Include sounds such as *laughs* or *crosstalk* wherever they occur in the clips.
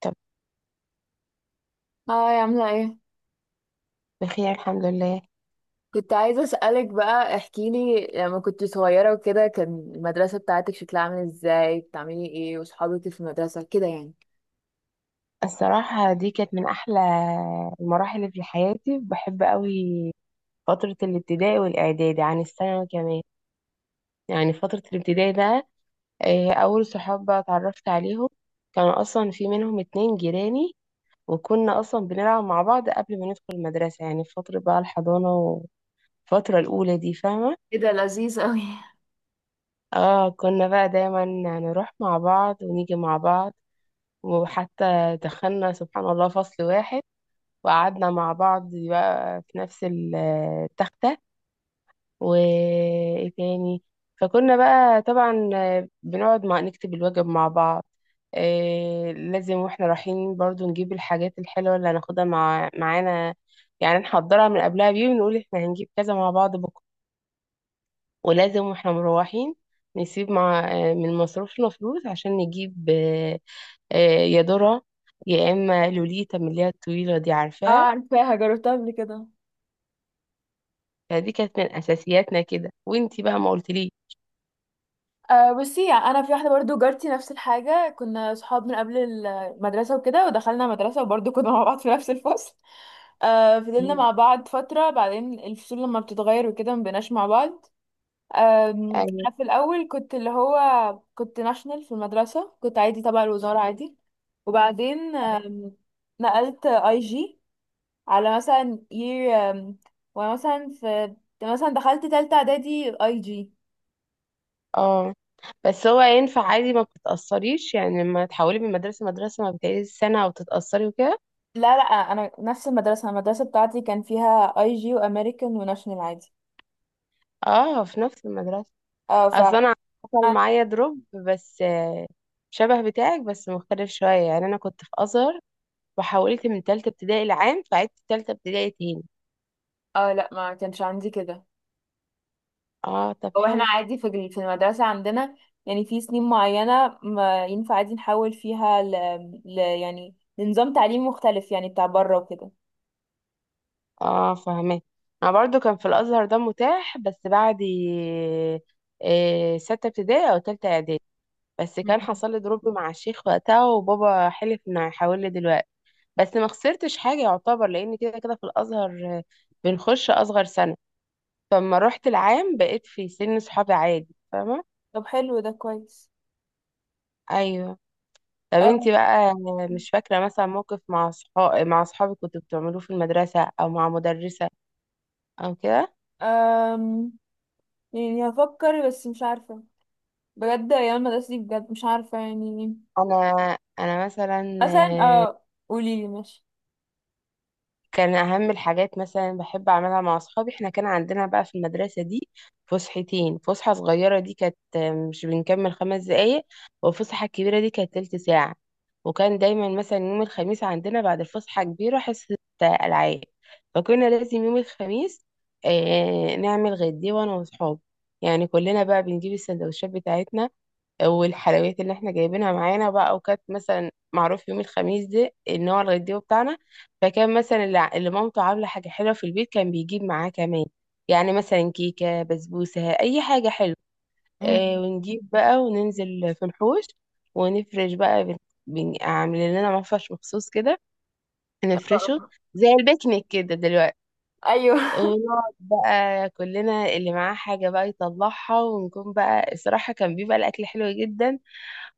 طب، هاي عاملة ايه؟ بخير الحمد لله. كنت عايزة اسألك بقى، احكيلي لما كنت صغيرة وكده كان المدرسة بتاعتك شكلها عامل ازاي؟ بتعملي ايه؟ وصحابك في المدرسة كده يعني. الصراحة دي كانت من أحلى المراحل اللي في حياتي، بحب قوي فترة الابتدائي والإعدادي عن الثانوي كمان. يعني فترة الابتدائي ده، أول صحاب بقى اتعرفت عليهم كانوا أصلا في منهم اتنين جيراني، وكنا أصلا بنلعب مع بعض قبل ما ندخل المدرسة، يعني في فترة بقى الحضانة والفترة الأولى دي، فاهمة. ايه ده لذيذ قوي. اه كنا بقى دايما نروح مع بعض ونيجي مع بعض، وحتى دخلنا سبحان الله فصل واحد وقعدنا مع بعض بقى في نفس التختة. وايه تاني، فكنا بقى طبعا بنقعد مع نكتب الواجب مع بعض. إيه، لازم واحنا رايحين برضو نجيب الحاجات الحلوة اللي هناخدها معانا، يعني نحضرها من قبلها بيوم ونقول احنا هنجيب كذا مع بعض بكرة. ولازم واحنا مروحين نسيب مع آه، من مصروفنا فلوس عشان نجيب آه، يا ذرة يا اما لوليتا، من اللي هي الطويلة دي، اه عارفاها. عارفاها، جربتها قبل كده. فدي كانت من اساسياتنا كده، وانتي بقى ما قلتليش. آه بصي، يعني انا في واحده برضو جارتي نفس الحاجه، كنا صحاب من قبل المدرسه وكده ودخلنا مدرسه وبرضو كنا مع بعض في نفس الفصل. آه فضلنا مم. مع بعض فتره، بعدين الفصول لما بتتغير وكده مبقناش مع بعض. يعني انا في الاول كنت اللي هو، كنت ناشونال في المدرسه، كنت عادي تبع الوزاره عادي. وبعدين نقلت IG على مثلا year، ومثلا في، مثلا دخلت تالتة اعدادي IG. اه، بس هو ينفع عادي ما بتتأثريش يعني لما تحولي من مدرسة لمدرسة ما بتعيدي سنة وتتأثري وكده؟ لا لا، انا نفس المدرسه بتاعتي كان فيها IG وامريكان وناشونال عادي. اه في نفس المدرسة. اه ف اصل انا حصل معايا دروب بس، شبه بتاعك بس مختلف شوية. يعني انا كنت في ازهر وحولت من تالتة ابتدائي لعام، فعدت تالتة ابتدائي تاني. لا ما كانش عندي كده. اه طب هو احنا حلو. عادي في المدرسة عندنا، يعني في سنين معينة ما ينفع عادي نحول فيها يعني لنظام تعليم مختلف، يعني بتاع بره وكده. اه فاهمه. انا برضو كان في الازهر ده متاح بس بعد إيه سته ابتدائي او تالته اعدادي، بس كان مم. حصل لي دروب مع الشيخ وقتها وبابا حلف انه هيحول لي دلوقتي. بس ما خسرتش حاجه يعتبر، لان كده كده في الازهر آه، بنخش اصغر سنه، فلما رحت العام بقيت في سن صحابي عادي، فاهمه. طب حلو ده كويس. ايوه. طب أم... انتي بقى، مش فاكره مثلا موقف مع صحابك كنتوا بتعملوه في المدرسه او مع مدرسه او كده؟ أم... يعني هفكر بس مش عارفة، بجد ايام المدرسة دي بجد مش عارفة يعني. انا مثلا، مثلا قوليلي ماشي. كان أهم الحاجات مثلا بحب أعملها مع أصحابي. إحنا كان عندنا بقى في المدرسة دي فسحتين، فسحة صغيرة دي كانت مش بنكمل 5 دقايق، والفسحة الكبيرة دي كانت تلت ساعة. وكان دايما مثلا يوم الخميس عندنا بعد الفسحة الكبيرة حصة ألعاب، فكنا لازم يوم الخميس نعمل غدي وأنا وأصحابي. يعني كلنا بقى بنجيب السندوتشات بتاعتنا والحلويات اللي احنا جايبينها معانا بقى، وكانت مثلا معروف يوم الخميس ده ان هو الغديوه بتاعنا. فكان مثلا اللي مامته عامله حاجه حلوه في البيت كان بيجيب معاه كمان، يعني مثلا كيكه، بسبوسه، اي حاجه حلوه. مم. اه ونجيب بقى وننزل في الحوش، ونفرش بقى عاملين لنا مفرش مخصوص كده نفرشه، زي البيكنيك كده دلوقتي. ايوه. ونقعد بقى كلنا، اللي معاه حاجة بقى يطلعها، ونكون بقى الصراحة كان بيبقى الأكل حلو جدا،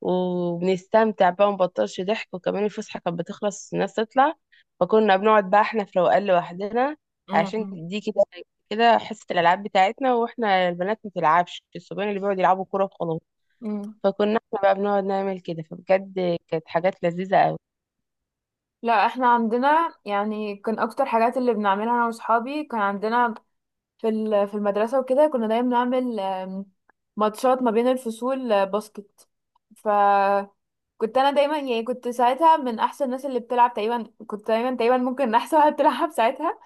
وبنستمتع بقى ومبطلش ضحك. وكمان الفسحة كانت بتخلص الناس تطلع، فكنا بنقعد بقى احنا في روقان لوحدنا، عشان مم. دي كده كده حصة الألعاب بتاعتنا، واحنا البنات ما بتلعبش، الصبيان اللي بيقعدوا يلعبوا كورة وخلاص. مم. فكنا احنا بقى بنقعد نعمل كده، فبجد كانت حاجات لذيذة قوي. لا احنا عندنا، يعني كان اكتر حاجات اللي بنعملها انا واصحابي، كان عندنا في المدرسة وكده، كنا دايما بنعمل ماتشات ما بين الفصول، باسكت. فكنت انا دايما يعني، كنت ساعتها من احسن الناس اللي بتلعب تقريبا، كنت دايما تقريبا ممكن *laughs* احسن واحد بتلعب ساعتها.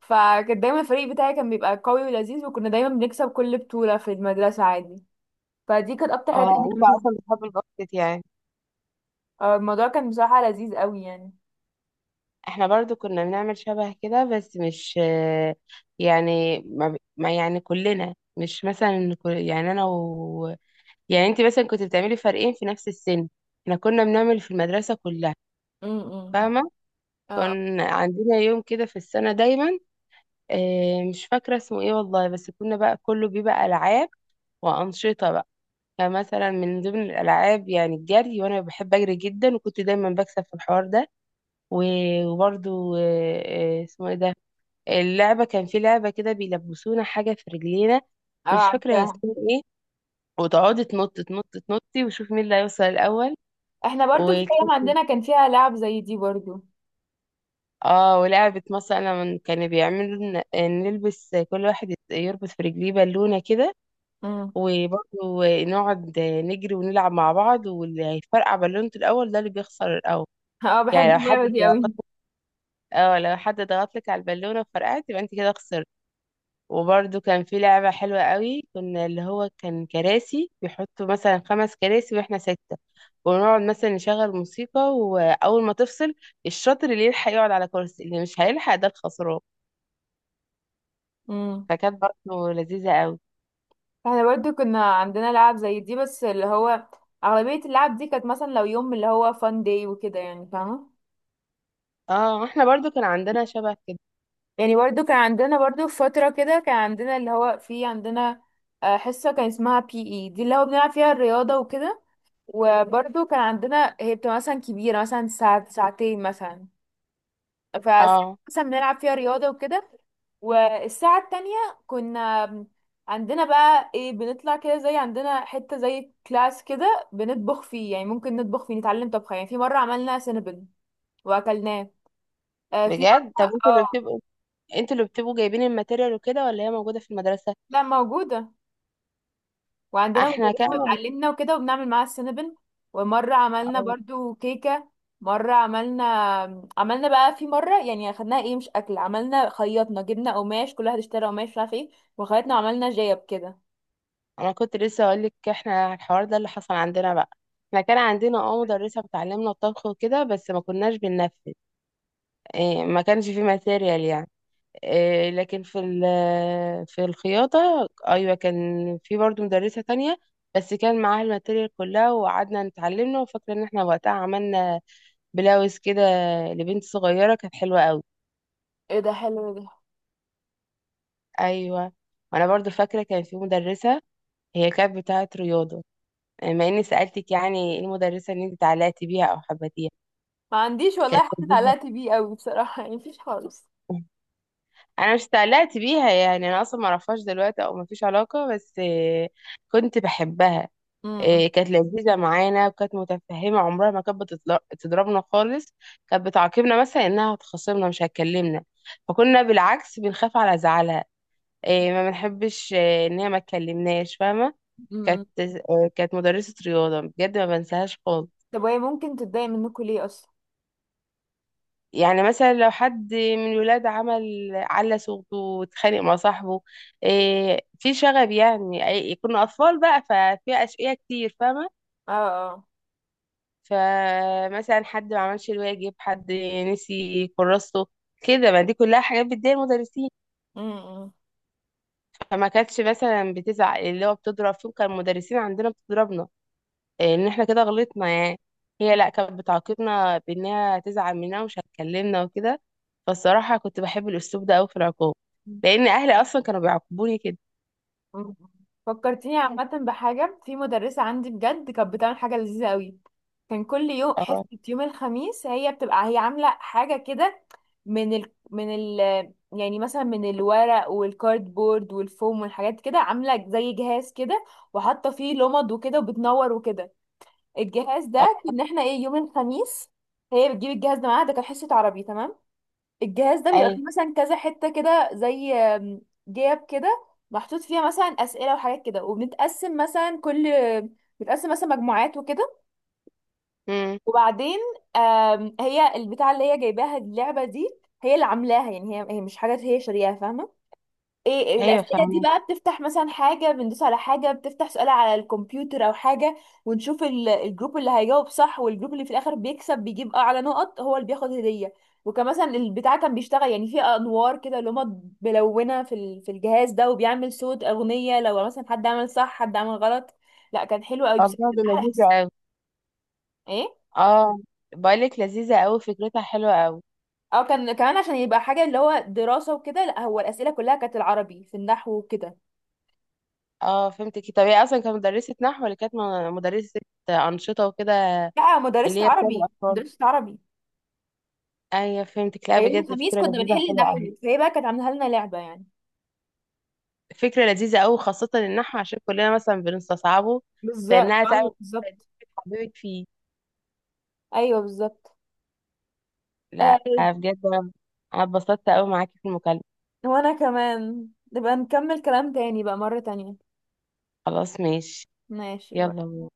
فكان دايما الفريق بتاعي كان بيبقى قوي ولذيذ، وكنا دايما بنكسب كل بطولة في المدرسة عادي. فدي كانت اكتر حاجة اه، كنا انت بنعملها. اصلا بتحب الباسكت يعني. الموضوع كان بصراحة لذيذ قوي يعني. احنا برضو كنا بنعمل شبه كده، بس مش يعني ما يعني كلنا، مش مثلا يعني انا و، يعني انت مثلا كنت بتعملي فريقين في نفس السن، احنا كنا بنعمل في المدرسة كلها، امم. فاهمة. اه. كان عندنا يوم كده في السنة دايما، اه مش فاكرة اسمه ايه والله، بس كنا بقى كله بيبقى ألعاب وأنشطة بقى. فمثلا من ضمن الألعاب يعني الجري، وأنا بحب أجري جدا وكنت دايما بكسب في الحوار ده. وبرضو اسمه ايه ده اللعبة، كان في لعبة كده بيلبسونا حاجة في رجلينا، اه مش فاكرة هي عارفاها. اسمها ايه، وتقعدي تنط تنط تنطي وشوف مين اللي هيوصل احنا برضو في الأول. ايام عندنا كان فيها لعب زي دي برضو. اه، ولعبة مثلا كانوا بيعملوا نلبس، كل واحد يربط في رجليه بالونة كده، امم. وبرضه نقعد نجري ونلعب مع بعض، واللي هيفرقع بالونته الأول ده اللي بيخسر الأول. *laughs* اه بحب يعني لو حد اللعبة دي ضغط، اه لو حد ضغط لك على البالونة فرقعت، يبقى انت كده خسرت. وبرضه كان في لعبة حلوة قوي، كنا اللي هو كان كراسي، بيحطوا مثلا خمس كراسي واحنا ستة، ونقعد مثلا نشغل موسيقى وأول ما تفصل، الشاطر اللي يلحق يقعد على كرسي، اللي مش هيلحق ده الخسران. قوي. فكانت برضه لذيذة قوي. احنا برضو كنا عندنا لعب زي دي، بس اللي هو اغلبية اللعب دي كانت مثلا لو يوم اللي هو فان داي وكده، يعني فاهمة. اه احنا برضو كان عندنا شبه كده. يعني برضو كان عندنا، برضو في فترة كده كان عندنا اللي هو، في عندنا حصة كان اسمها PED اللي هو بنلعب فيها الرياضة وكده. وبرضو كان عندنا، هي بتبقى مثلا كبيرة، مثلا ساعة ساعتين مثلا. فساعة اه مثلا بنلعب فيها رياضة وكده، والساعة التانية كنا عندنا بقى ايه، بنطلع كده زي عندنا حتة زي كلاس كده بنطبخ فيه، يعني ممكن نطبخ فيه نتعلم طبخ، يعني في مرة عملنا سينابن وأكلناه. في بجد، طب مرة انتوا اللي بتبقوا، جايبين الماتيريال وكده، ولا هي موجودة في المدرسة؟ لا موجودة. وعندنا احنا مدرسة كان، بتعلمنا وكده وبنعمل معاها السينابن. ومرة عملنا آه، برضو كيكة. مرة عملنا، عملنا بقى في مرة يعني، خدناها ايه مش أكل، عملنا خيطنا، جبنا قماش كل واحد اشترى قماش مش عارف ايه، وخيطنا وعملنا جيب كده. انا كنت لسه اقول لك احنا على الحوار ده اللي حصل عندنا بقى. احنا كان عندنا اه مدرسة بتعلمنا الطبخ وكده، بس ما كناش بننفذ، إيه ما كانش في ماتيريال يعني. لكن في الخياطة أيوة كان، في برضو مدرسة تانية بس كان معاها الماتيريال كلها، وقعدنا نتعلمنا، وفاكرة إن احنا وقتها عملنا بلاوز كده لبنت صغيرة، كانت حلوة قوي. ايه ده حلو ده. أيوة. وأنا برضو فاكرة كان في مدرسة، هي كانت بتاعة رياضة، مع إني سألتك، يعني إيه المدرسة اللي أنت اتعلقتي بيها أو حبيتيها؟ ما عنديش والله كانت حد لذيذة. اتعلقت بيه قوي بصراحة، يعني مفيش خالص. *laughs* انا مش اتعلقت بيها يعني، انا اصلا ما اعرفهاش دلوقتي او ما فيش علاقه بس كنت بحبها. امم. كانت لذيذة معانا، وكانت متفهمة، عمرها ما كانت بتضربنا خالص. كانت بتعاقبنا مثلا إنها هتخاصمنا، مش هتكلمنا، فكنا بالعكس بنخاف على زعلها. ما بنحبش إن هي ما تكلمناش، فاهمة. كانت امم. كانت مدرسة رياضة بجد ما بنساهاش خالص. طب وهي ممكن تتضايق منكم ليه أصلا؟ يعني مثلا لو حد من الولاد عمل على صوته واتخانق مع صاحبه، في شغب يعني، كنا أطفال بقى، ففي أشقية كتير، فاهمة. اه. فمثلا حد ما عملش الواجب، حد نسي كراسته، كده، ما دي كلها حاجات بتضايق المدرسين. اه. فما كانتش مثلا بتزعق، اللي هو بتضرب فيهم كان المدرسين عندنا بتضربنا ان احنا كده غلطنا يعني، هي لا كانت بتعاقبنا بانها تزعل مننا ومش هتكلمنا وكده. فالصراحة كنت بحب الاسلوب ده قوي في العقاب، امم. لان اهلي اصلا كانوا بيعاقبوني كده. مم. فكرتيني عامة بحاجة في مدرسة عندي بجد كانت بتعمل حاجة لذيذة قوي. كان كل يوم حصة اه. يوم الخميس هي بتبقى هي عاملة حاجة كده، من ال... من ال... يعني مثلا من الورق والكاردبورد والفوم والحاجات كده، عاملة زي جهاز كده وحاطة فيه لمض وكده وبتنور وكده. الجهاز اه. ده كنا احنا ايه، يوم الخميس هي بتجيب الجهاز ده معاها. ده كان حصة عربي تمام. الجهاز ده بيبقى ايوه. فيه مثلا كذا حتة كده زي جياب كده، محطوط فيها مثلا أسئلة وحاجات كده. وبنتقسم مثلا كل، بنتقسم مثلا مجموعات وكده. امم. وبعدين هي البتاعة اللي هي جايباها اللعبة دي، هي اللي عاملاها يعني، هي هي مش حاجات هي شارياها، فاهمة. إيه ايوه الاسئله دي فاهمة. بقى بتفتح مثلا حاجه، بندوس على حاجه بتفتح سؤال على الكمبيوتر او حاجه، ونشوف الجروب اللي هيجاوب صح. والجروب اللي في الاخر بيكسب بيجيب اعلى نقط هو اللي بياخد هديه. وكان مثلا البتاع كان بيشتغل يعني، في انوار كده اللي هما ملونه في الجهاز ده، وبيعمل صوت اغنيه لو مثلا حد عمل صح حد عمل غلط. لا كان حلو قوي، بس الله دي كانت احلى لذيذة قوي. حصه. ايه. اه، بقولك لذيذة قوي، فكرتها حلوة قوي. اه كان كمان عشان يبقى حاجه اللي هو دراسه وكده، لا هو الاسئله كلها كانت العربي في النحو وكده. اه فهمتك، طب هي اصلا كانت مدرسة نحو ولا كانت مدرسة أنشطة وكده، لا اللي مدرسه هي بتعمل عربي، أطفال؟ مدرسه عربي. ايوه فهمتك، لا ليالي بجد الخميس فكرة كنا لذيذة بنحل حلوة قوي. نحل، فهي بقى كانت عاملة لنا لعبة يعني. فكرة لذيذة قوي خاصة النحو، عشان كلنا مثلا بنستصعبه، بالظبط فإنها ايوه تعمل بالظبط. حبيبك فيه. ايوه بالظبط. لا آه بجد أنا اتبسطت قوي معاكي في المكالمة. وانا كمان نبقى نكمل كلام تاني بقى مرة تانية. خلاص ماشي. ماشي بقى. يلا.